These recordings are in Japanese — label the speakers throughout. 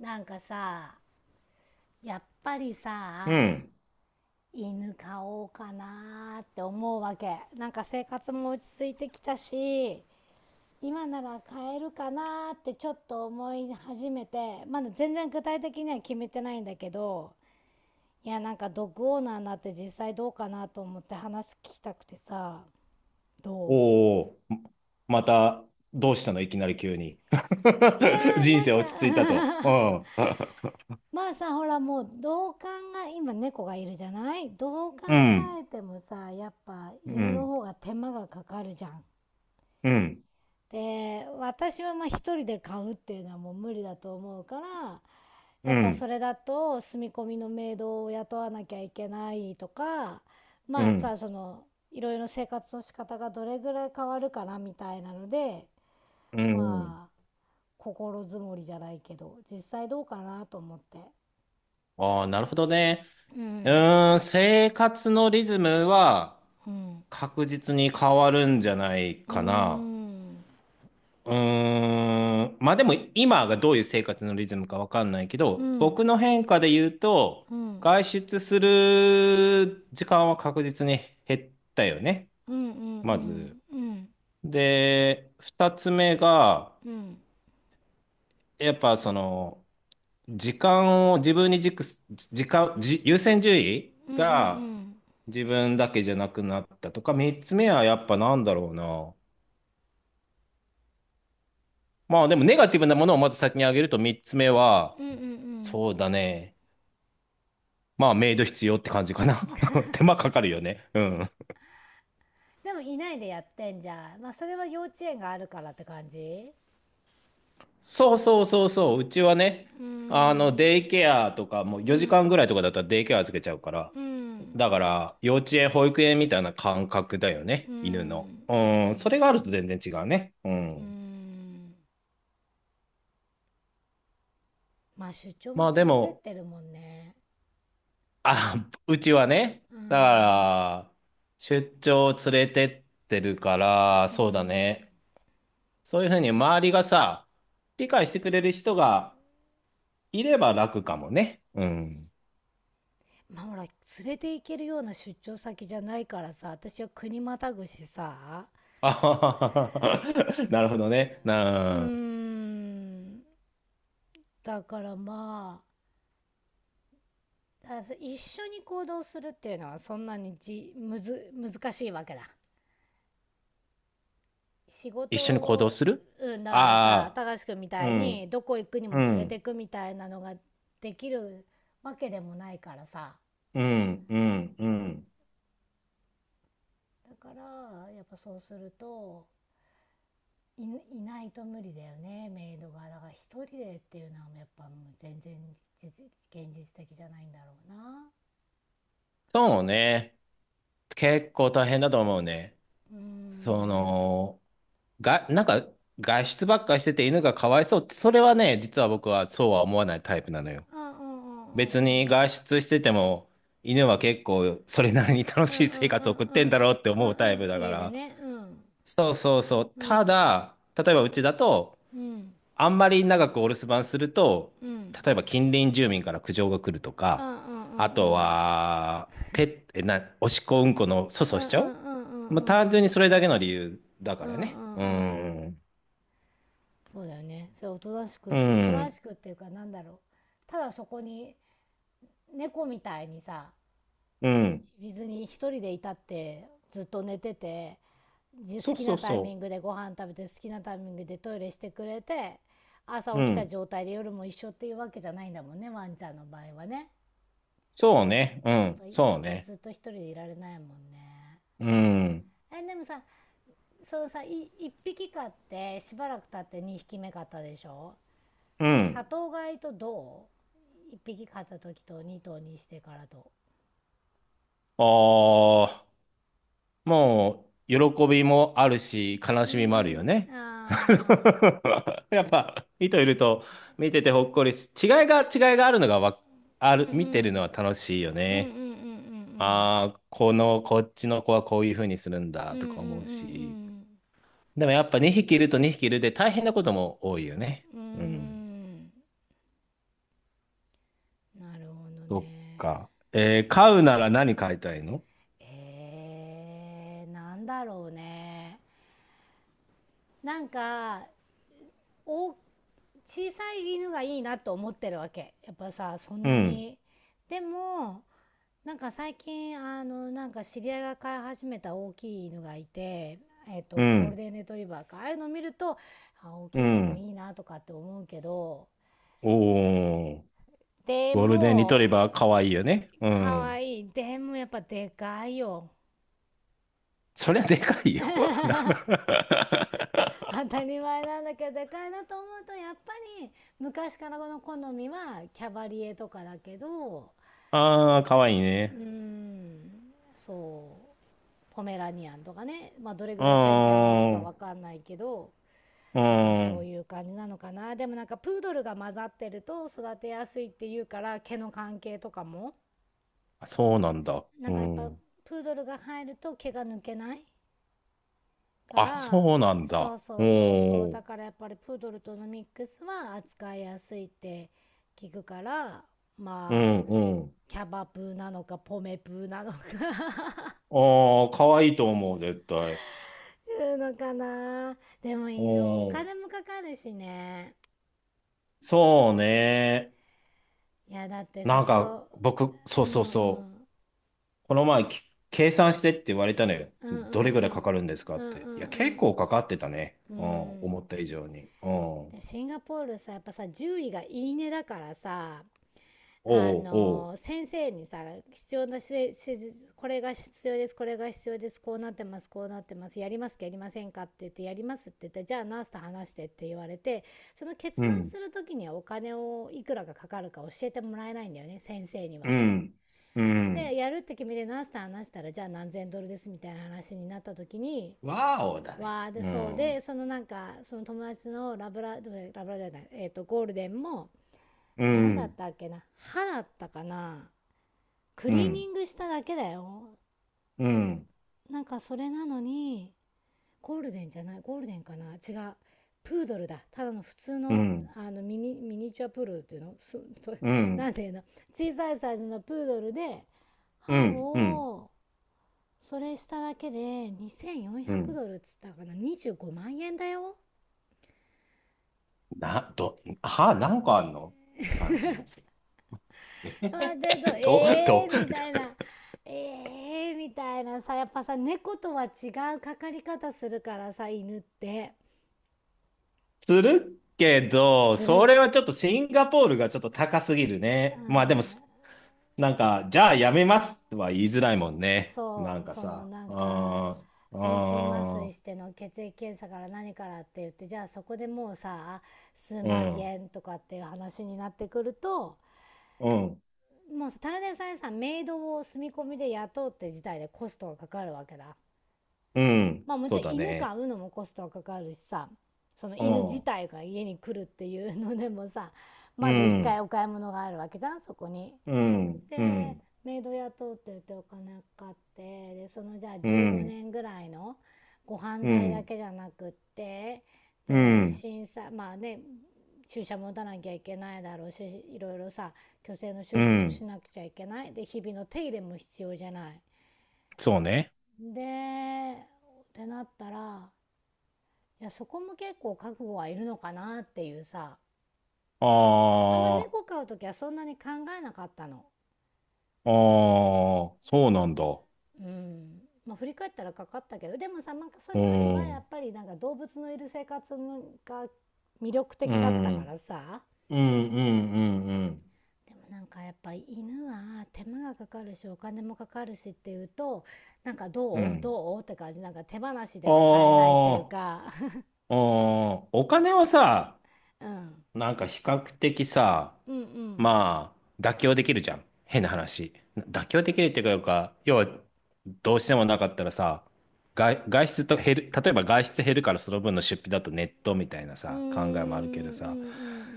Speaker 1: なんかさやっぱり
Speaker 2: う
Speaker 1: さ、
Speaker 2: ん。
Speaker 1: 犬飼おうかなーって思うわけ。なんか生活も落ち着いてきたし、今なら飼えるかなーってちょっと思い始めて、まだ全然具体的には決めてないんだけど、いや、なんかドッグオーナーになって実際どうかなと思って話聞きたくてさ。ど
Speaker 2: おお、また、どうしたのいきなり急に。
Speaker 1: ういや ー
Speaker 2: 人
Speaker 1: な
Speaker 2: 生落ち着いたと。
Speaker 1: ん
Speaker 2: う
Speaker 1: か
Speaker 2: ん。
Speaker 1: まあさ、ほらもうどう考え、今猫がいるじゃない。どう考
Speaker 2: うん。
Speaker 1: えてもさ、やっぱ
Speaker 2: う
Speaker 1: 犬の
Speaker 2: ん。
Speaker 1: 方が手間がかかるじゃん。
Speaker 2: うん。
Speaker 1: で、私はまあ一人で買うっていうのはもう無理だと思うから、
Speaker 2: う
Speaker 1: やっぱそ
Speaker 2: ん。
Speaker 1: れだと住み込みのメイドを雇わなきゃいけないとか、
Speaker 2: う
Speaker 1: まあさ、
Speaker 2: ん。
Speaker 1: その、いろいろ生活の仕方がどれぐらい変わるかなみたいなので、
Speaker 2: うん。
Speaker 1: まあ、心づもりじゃないけど、実際どうかなと思って。
Speaker 2: ああ、なるほどね。
Speaker 1: うん、
Speaker 2: 生活のリズムは
Speaker 1: うん。
Speaker 2: 確実に変わるんじゃない
Speaker 1: うー
Speaker 2: かな。
Speaker 1: ん、
Speaker 2: まあでも今がどういう生活のリズムかわかんないけ
Speaker 1: う
Speaker 2: ど、僕
Speaker 1: ん、
Speaker 2: の変化で言うと、
Speaker 1: うん、うん、
Speaker 2: 外出する時間は確実に減ったよね、
Speaker 1: うん、う
Speaker 2: まず。
Speaker 1: ん、うん、
Speaker 2: で、二つ目が、
Speaker 1: うん、うん、
Speaker 2: やっぱ時間を自分に軸す、時間、じ優先順位
Speaker 1: うん、う
Speaker 2: が
Speaker 1: ん、
Speaker 2: 自分だけじゃなくなったとか、三つ目はやっぱなんだろうな。まあでもネガティブなものをまず先に挙げると三つ目は、
Speaker 1: うん、うん。
Speaker 2: そうだね。まあ、メイド必要って感じかな。手間かかるよね。うん。
Speaker 1: でもいないでやってんじゃん。まあそれは幼稚園があるからって感じ。
Speaker 2: そうそうそうそう。うちはね、
Speaker 1: うーん、
Speaker 2: デイケアとか、もう
Speaker 1: う
Speaker 2: 4
Speaker 1: ん、
Speaker 2: 時間ぐらいとかだったらデイケア預けちゃうから。
Speaker 1: うん、
Speaker 2: だから、幼稚園、保育園みたいな感覚だよ
Speaker 1: う
Speaker 2: ね。犬の。
Speaker 1: ん、う
Speaker 2: うん。それ
Speaker 1: ん、
Speaker 2: があると全然違うね。う
Speaker 1: う
Speaker 2: ん。
Speaker 1: ん。まあ出張も
Speaker 2: まあで
Speaker 1: 連れてっ
Speaker 2: も、
Speaker 1: てるもんね。
Speaker 2: あ、うちはね、
Speaker 1: うー
Speaker 2: だか
Speaker 1: ん、
Speaker 2: ら、出張連れてってるから、
Speaker 1: う
Speaker 2: そうだ
Speaker 1: ん。
Speaker 2: ね。そういうふうに周りがさ、理解してくれる人がいれば楽かもね。うん。
Speaker 1: まあほら連れて行けるような出張先じゃないからさ、私は国またぐしさ。
Speaker 2: あはははなるほどね。
Speaker 1: うー
Speaker 2: なあ、
Speaker 1: ん、だからまあ、だ一緒に行動するっていうのはそんなにじむず難しいわけだ、仕
Speaker 2: 一
Speaker 1: 事
Speaker 2: 緒に行動
Speaker 1: を。
Speaker 2: する。
Speaker 1: うん、だからさ、
Speaker 2: あ
Speaker 1: 貴司君み
Speaker 2: あ、う
Speaker 1: たいに
Speaker 2: ん、
Speaker 1: どこ行くに
Speaker 2: う
Speaker 1: も連れて
Speaker 2: ん、
Speaker 1: くみたいなのができるわけでもないからさ。
Speaker 2: うん、うん、うん。
Speaker 1: だからやっぱそうすると、い、いないと無理だよね、メイドが。だから一人でっていうのはやっぱもう全然実現実的じゃないんだろうな。
Speaker 2: そうね。結構大変だと思うね。
Speaker 1: うー
Speaker 2: そ
Speaker 1: ん、
Speaker 2: の、が、なんか、外出ばっかりしてて犬がかわいそうって、それはね、実は僕はそうは思わないタイプなのよ。
Speaker 1: うん、うん、うん、うん、
Speaker 2: 別に外出してても、犬は結構それなりに楽
Speaker 1: うん、う
Speaker 2: し
Speaker 1: ん、
Speaker 2: い生
Speaker 1: う
Speaker 2: 活を
Speaker 1: ん、
Speaker 2: 送っ
Speaker 1: う
Speaker 2: てん
Speaker 1: ん、
Speaker 2: だろうって
Speaker 1: う
Speaker 2: 思うタイ
Speaker 1: ん、う
Speaker 2: プ
Speaker 1: ん、
Speaker 2: だか
Speaker 1: 家で
Speaker 2: ら。
Speaker 1: ね、うん、
Speaker 2: そうそうそう。
Speaker 1: う
Speaker 2: た
Speaker 1: ん、
Speaker 2: だ、例えばうちだと、
Speaker 1: うん、
Speaker 2: あんまり長くお留守番すると、
Speaker 1: うん、うん、
Speaker 2: 例えば近隣住民から苦情が来ると
Speaker 1: う
Speaker 2: か、あ
Speaker 1: ん、
Speaker 2: と
Speaker 1: うん、
Speaker 2: は、ペッ、えな、おしっこうんこの粗
Speaker 1: うん、
Speaker 2: 相
Speaker 1: う
Speaker 2: しちゃう。
Speaker 1: ん、う
Speaker 2: まあ、
Speaker 1: ん、う
Speaker 2: 単純に
Speaker 1: ん、
Speaker 2: それだけの理由だか
Speaker 1: うん、
Speaker 2: らね。う
Speaker 1: うん。
Speaker 2: ん。
Speaker 1: そうだよね。それおとなし
Speaker 2: う
Speaker 1: く、
Speaker 2: ん。
Speaker 1: っていうかなんだろう、ただそこに猫みたいにさ、
Speaker 2: うん。
Speaker 1: 別に一人でいたってずっと寝てて、好
Speaker 2: そう
Speaker 1: き
Speaker 2: そ
Speaker 1: な
Speaker 2: う
Speaker 1: タイミ
Speaker 2: そ
Speaker 1: ングでご飯食べて、好きなタイミングでトイレしてくれて、朝
Speaker 2: う。う
Speaker 1: 起きた
Speaker 2: ん。
Speaker 1: 状態で夜も一緒っていうわけじゃないんだもんね、ワンちゃんの場合はね。
Speaker 2: そうね。う
Speaker 1: やっぱ
Speaker 2: ん。
Speaker 1: や
Speaker 2: そ
Speaker 1: っ
Speaker 2: う
Speaker 1: ぱ
Speaker 2: ね。
Speaker 1: ずっと一人でいられないもんね。
Speaker 2: うん。
Speaker 1: えでもさ、そうさい一匹飼ってしばらく経って二匹目飼ったでしょ。
Speaker 2: う
Speaker 1: 多
Speaker 2: ん。
Speaker 1: 頭飼いと、一匹飼った時と二頭にしてからと。
Speaker 2: ああ。もう、喜びもあるし、悲
Speaker 1: う
Speaker 2: しみもある
Speaker 1: ー
Speaker 2: よね。
Speaker 1: ん、あ
Speaker 2: やっぱ、人いると、見ててほっこりし、違いがあるのがわ、
Speaker 1: ー、
Speaker 2: あ
Speaker 1: うん、
Speaker 2: る、
Speaker 1: う
Speaker 2: 見てるの
Speaker 1: ん、
Speaker 2: は楽しいよ
Speaker 1: うん、うん、
Speaker 2: ね。
Speaker 1: うん、うん、
Speaker 2: ああ、こっちの子はこういう風にするん
Speaker 1: う
Speaker 2: だ、
Speaker 1: ん、うん、
Speaker 2: と
Speaker 1: うん、
Speaker 2: か
Speaker 1: う
Speaker 2: 思うし。
Speaker 1: ん、
Speaker 2: でもやっぱ2匹いると2匹いるで大変なことも多いよね。
Speaker 1: うん、うん、うー
Speaker 2: うん。
Speaker 1: ん。なるほど
Speaker 2: そっ
Speaker 1: ね。
Speaker 2: か。飼うなら何飼いたいの？
Speaker 1: えー、なんだろうね。なんか、お小さい犬がいいなと思ってるわけ。やっぱさ、そん
Speaker 2: う
Speaker 1: な
Speaker 2: ん。
Speaker 1: に、でもなんか最近、あの、なんか知り合いが飼い始めた大きい犬がいて、えっ
Speaker 2: う
Speaker 1: とゴール
Speaker 2: ん。
Speaker 1: デンレトリバーか、ああいうの見ると、あ、大
Speaker 2: う
Speaker 1: きい子も
Speaker 2: ん。
Speaker 1: いいなとかって思うけど、
Speaker 2: おー。
Speaker 1: で
Speaker 2: ゴールデンリトリ
Speaker 1: も
Speaker 2: バーかわいいよね。う
Speaker 1: かわ
Speaker 2: ん。
Speaker 1: いい。でもやっぱでかいよ。
Speaker 2: そりゃでかいよ。
Speaker 1: 当たり前なんだけど、でかいなと思うと、やっぱり昔からこの好みはキャバリエとかだけど。
Speaker 2: ああ、かわいいね。
Speaker 1: うーん、そう、ポメラニアンとかね。まあ、どれ
Speaker 2: う
Speaker 1: ぐ
Speaker 2: ー
Speaker 1: らいキャンキャン鳴くか
Speaker 2: ん。う
Speaker 1: わかんないけど、
Speaker 2: ー
Speaker 1: とかそう
Speaker 2: ん。
Speaker 1: いう感じなのかな。でもなんかプードルが混ざってると育てやすいっていうから、毛の関係とかも。
Speaker 2: あ、そうなんだ。
Speaker 1: なん
Speaker 2: う
Speaker 1: かやっぱ
Speaker 2: ん。
Speaker 1: プードルが入ると毛が抜けないか
Speaker 2: あ、
Speaker 1: ら。
Speaker 2: そうなん
Speaker 1: そ
Speaker 2: だ。
Speaker 1: うそ
Speaker 2: お
Speaker 1: うそう、そう
Speaker 2: ー。
Speaker 1: だからやっぱりプードルとのミックスは扱いやすいって聞くから。
Speaker 2: う
Speaker 1: まあ、
Speaker 2: ん、うん。
Speaker 1: キャバプーなのかポメプーなのか、
Speaker 2: ああ、かわいいと思う、絶対。
Speaker 1: いうのかな。でも犬お
Speaker 2: おー。
Speaker 1: 金もかかるしね。
Speaker 2: そうね。
Speaker 1: いやだってさ、その、
Speaker 2: そう
Speaker 1: う
Speaker 2: そう
Speaker 1: ん、う
Speaker 2: そ
Speaker 1: ん、
Speaker 2: う。この前、計算してって言われたのよ。
Speaker 1: うん、うん、う
Speaker 2: どれぐらいか
Speaker 1: ん、
Speaker 2: かるんですか
Speaker 1: うん、う
Speaker 2: っ
Speaker 1: ん、う
Speaker 2: て。いや、結
Speaker 1: ん、
Speaker 2: 構かかってたね。
Speaker 1: う
Speaker 2: うん、
Speaker 1: ん。
Speaker 2: 思った以上に。うん。おう
Speaker 1: でシンガポールさ、やっぱさ獣医がいいねだからさ。あ
Speaker 2: おう。
Speaker 1: の先生にさ、必要なし施これが必要です、これが必要です、こうなってます、こうなってます、やりますか、やりませんかって言って、やりますって言って、じゃあナースと話してって言われて、その決
Speaker 2: う
Speaker 1: 断
Speaker 2: ん。
Speaker 1: する時にはお金をいくらがかかるか教えてもらえないんだよね、先生には。
Speaker 2: うん。うん。
Speaker 1: でやるって決めてナースと話したら、じゃあ何千ドルですみたいな話になった時に、
Speaker 2: ワーオだね。
Speaker 1: わあ。で、
Speaker 2: う
Speaker 1: そうで、
Speaker 2: ん。
Speaker 1: その、なんかその友達のラブララブラじゃない、えー、とゴールデンも、
Speaker 2: う
Speaker 1: 何だっ
Speaker 2: ん。
Speaker 1: たっけな、歯だったかな、ク
Speaker 2: う
Speaker 1: リー
Speaker 2: ん。
Speaker 1: ニングしただけだよ。
Speaker 2: うん。
Speaker 1: なんかそれなのに、ゴールデンじゃない、ゴールデンかな、違う。プードルだ。ただの普通
Speaker 2: う
Speaker 1: の、
Speaker 2: ん。
Speaker 1: あのミニチュアプードルっていうのすと、
Speaker 2: う
Speaker 1: な
Speaker 2: ん。
Speaker 1: んていうの、小さいサイズのプードルで、
Speaker 2: う
Speaker 1: 歯
Speaker 2: ん。うん。
Speaker 1: を、それしただけで
Speaker 2: う
Speaker 1: 2400
Speaker 2: ん。
Speaker 1: ドルっつったかな、25万円だよ。
Speaker 2: な、ど、は、なんかあんのって感じなんですよ。えへ
Speaker 1: 待
Speaker 2: へ
Speaker 1: ってる
Speaker 2: へ
Speaker 1: と、
Speaker 2: ど、
Speaker 1: え
Speaker 2: ど、
Speaker 1: ーみたいな。えーみたいなさ、やっぱさ、猫とは違うかかり方するからさ、犬って。
Speaker 2: するけど、
Speaker 1: す
Speaker 2: そ
Speaker 1: る。
Speaker 2: れはちょっとシンガポールがちょっと高すぎる
Speaker 1: う
Speaker 2: ね。まあでも、
Speaker 1: ん、
Speaker 2: なんか、じゃあやめますとは言いづらいもんね。なん
Speaker 1: そう、
Speaker 2: か
Speaker 1: その
Speaker 2: さ、
Speaker 1: なんか
Speaker 2: あー、
Speaker 1: 全身麻
Speaker 2: あ
Speaker 1: 酔
Speaker 2: ー、
Speaker 1: しての血液検査から何からって言って、じゃあそこでもうさ、数
Speaker 2: う
Speaker 1: 万
Speaker 2: ん、
Speaker 1: 円とかっていう話になってくると、
Speaker 2: うん、
Speaker 1: もうただでさえさメイドを住み込みで雇うって事態でコストがかかるわけだ。
Speaker 2: うん、
Speaker 1: まあも
Speaker 2: そ
Speaker 1: ち
Speaker 2: う
Speaker 1: ろん
Speaker 2: だ
Speaker 1: 犬
Speaker 2: ね。
Speaker 1: 飼うのもコストがかかるしさ、その
Speaker 2: う
Speaker 1: 犬自
Speaker 2: ん、
Speaker 1: 体が家に来るっていうのでもさ、
Speaker 2: う
Speaker 1: まず一回
Speaker 2: ん。
Speaker 1: お買い物があるわけじゃん、そこに。
Speaker 2: うん、う
Speaker 1: で
Speaker 2: ん、
Speaker 1: メイド雇うって言ってお金かかってで、そのじゃあ
Speaker 2: う
Speaker 1: 15
Speaker 2: ん、
Speaker 1: 年ぐらいのご飯
Speaker 2: う
Speaker 1: 代だ
Speaker 2: ん、
Speaker 1: けじゃなくって、
Speaker 2: う
Speaker 1: で
Speaker 2: ん、
Speaker 1: 審査まあね、注射も打たなきゃいけないだろうし、いろいろさ去勢の手
Speaker 2: う
Speaker 1: 術もし
Speaker 2: ん、
Speaker 1: なくちゃいけないで、日々の手入れも必要じゃない。
Speaker 2: そうね。
Speaker 1: でってなったら、いやそこも結構覚悟はいるのかなっていうさ。
Speaker 2: あ
Speaker 1: あんま猫飼う時はそんなに考えなかったの。
Speaker 2: あ、ああ、そうなんだ。
Speaker 1: うん、まあ、振り返ったらかかったけど、でもさなんかそ
Speaker 2: う
Speaker 1: れより
Speaker 2: ん、
Speaker 1: は
Speaker 2: う
Speaker 1: やっ
Speaker 2: ん、
Speaker 1: ぱりなんか動物のいる生活が魅力
Speaker 2: う
Speaker 1: 的だった
Speaker 2: ん、う
Speaker 1: か
Speaker 2: ん、
Speaker 1: らさ。
Speaker 2: うん、うん、
Speaker 1: でもなんかやっぱ犬は手間がかかるしお金もかかるしっていうと、なんか
Speaker 2: う
Speaker 1: どう
Speaker 2: ん。
Speaker 1: どうって感じ、なんか手放しでは買えないっ
Speaker 2: あ
Speaker 1: ていうか。
Speaker 2: あ、ああ、お金はさ、
Speaker 1: うん、
Speaker 2: なんか比較的さ、
Speaker 1: うん、うん、
Speaker 2: まあ、妥協できるじゃん。変な話。妥協できるっていうか、要は、どうしてもなかったらさ、外出と減る、例えば外出減るからその分の出費だとネットみたいな
Speaker 1: うーん、う
Speaker 2: さ、考えもあるけどさ、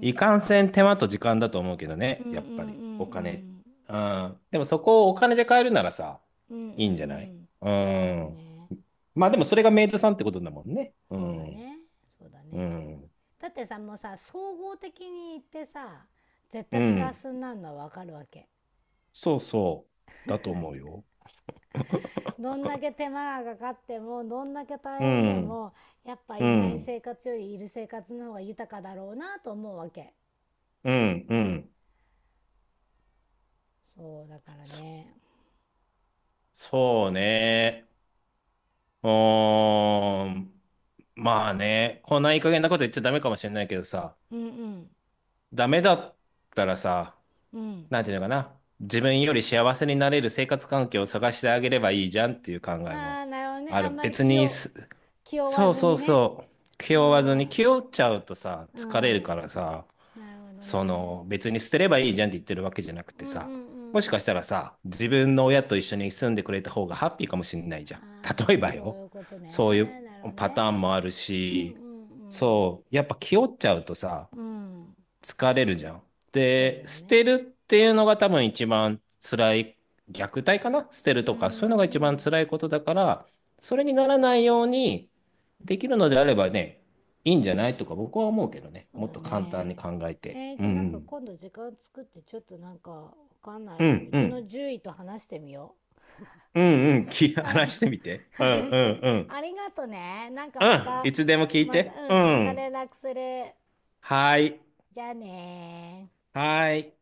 Speaker 2: い
Speaker 1: ん、
Speaker 2: かんせん手間と時間だと思うけど
Speaker 1: う
Speaker 2: ね、
Speaker 1: ん、うん、
Speaker 2: やっ
Speaker 1: うん、
Speaker 2: ぱり、
Speaker 1: うん、
Speaker 2: お
Speaker 1: う
Speaker 2: 金。
Speaker 1: ん、
Speaker 2: うん。でもそこをお金で買えるならさ、
Speaker 1: うん、うん、うん、う
Speaker 2: いいんじゃない？
Speaker 1: ん。
Speaker 2: う
Speaker 1: なるほど
Speaker 2: ん。
Speaker 1: ね。
Speaker 2: まあでもそれがメイドさんってことだもんね。う
Speaker 1: そうだ
Speaker 2: ん。
Speaker 1: ね、そうだ
Speaker 2: う
Speaker 1: ね。
Speaker 2: ん。
Speaker 1: だってさ、もうさ総合的に言ってさ、絶
Speaker 2: う
Speaker 1: 対プラ
Speaker 2: ん。
Speaker 1: スになるのは分かるわけ。
Speaker 2: そうそう。だと思うよ。
Speaker 1: どんだけ手間がかかってもどんだけ大
Speaker 2: う
Speaker 1: 変で
Speaker 2: ん。
Speaker 1: も、やっぱ
Speaker 2: う
Speaker 1: いない
Speaker 2: ん、
Speaker 1: 生活よりいる生活の方が豊かだろうなと思うわけ。
Speaker 2: うん、うん。
Speaker 1: そうだから
Speaker 2: そ、
Speaker 1: ね。
Speaker 2: そうね。うーん。まあね、こんないい加減なこと言っちゃダメかもしれないけどさ、
Speaker 1: うん、うん、
Speaker 2: ダメだったらさ、
Speaker 1: うん。
Speaker 2: なんていうのかな。自分より幸せになれる生活環境を探してあげればいいじゃんっていう考えも
Speaker 1: ああなるほどね。
Speaker 2: あ
Speaker 1: あん
Speaker 2: る。
Speaker 1: まり
Speaker 2: 別にす、
Speaker 1: 気負わ
Speaker 2: そう
Speaker 1: ず
Speaker 2: そ
Speaker 1: に
Speaker 2: う
Speaker 1: ね。
Speaker 2: そう。
Speaker 1: あ
Speaker 2: 気負わずに、気
Speaker 1: あ、
Speaker 2: 負っちゃうとさ、
Speaker 1: う
Speaker 2: 疲れる
Speaker 1: ん、
Speaker 2: からさ、
Speaker 1: なるほど
Speaker 2: そ
Speaker 1: ね。
Speaker 2: の別に捨てればいいじゃんって言ってるわけじゃなく
Speaker 1: う
Speaker 2: て
Speaker 1: ん、うん、う
Speaker 2: さ、も
Speaker 1: ん、
Speaker 2: し
Speaker 1: うん。
Speaker 2: かしたらさ、自分の親と一緒に住んでくれた方がハッピーかもしれないじゃん。例え
Speaker 1: ああ、
Speaker 2: ば
Speaker 1: そ
Speaker 2: よ、
Speaker 1: ういうこと
Speaker 2: そういう
Speaker 1: ね。なるほど
Speaker 2: パター
Speaker 1: ね。
Speaker 2: ンもある
Speaker 1: うん、
Speaker 2: し、
Speaker 1: うん、うん。
Speaker 2: そう、やっぱ気負っちゃうとさ、
Speaker 1: うん。
Speaker 2: 疲れるじゃん。
Speaker 1: そうだ
Speaker 2: で、
Speaker 1: よ
Speaker 2: 捨てる
Speaker 1: ね。
Speaker 2: っていうのが多分一番辛い、虐待かな捨てる
Speaker 1: うん、う
Speaker 2: とか、そういうのが一番
Speaker 1: ん。
Speaker 2: 辛いことだから、それにならないようにできるのであればね、いいんじゃないとか僕は思うけどね。
Speaker 1: そう
Speaker 2: もっ
Speaker 1: だ
Speaker 2: と簡単に
Speaker 1: ね。
Speaker 2: 考えて。
Speaker 1: えー、
Speaker 2: うん
Speaker 1: じゃ
Speaker 2: う
Speaker 1: あなんか
Speaker 2: ん。
Speaker 1: 今度時間作ってちょっとなんかわかんな
Speaker 2: う
Speaker 1: い、
Speaker 2: ん
Speaker 1: う
Speaker 2: う
Speaker 1: ちの
Speaker 2: ん。
Speaker 1: 獣医と話してみよ
Speaker 2: うんう
Speaker 1: う。
Speaker 2: ん。
Speaker 1: う
Speaker 2: 話し
Speaker 1: ん、
Speaker 2: てみて。うんう
Speaker 1: 話して
Speaker 2: ん
Speaker 1: み。
Speaker 2: う
Speaker 1: あ
Speaker 2: ん。
Speaker 1: りがとね。なんか
Speaker 2: う
Speaker 1: ま
Speaker 2: ん。い
Speaker 1: た、
Speaker 2: つでも聞い
Speaker 1: また、
Speaker 2: て。う
Speaker 1: うん、また
Speaker 2: ん。
Speaker 1: 連絡する。
Speaker 2: はい。
Speaker 1: じゃあねー
Speaker 2: はい。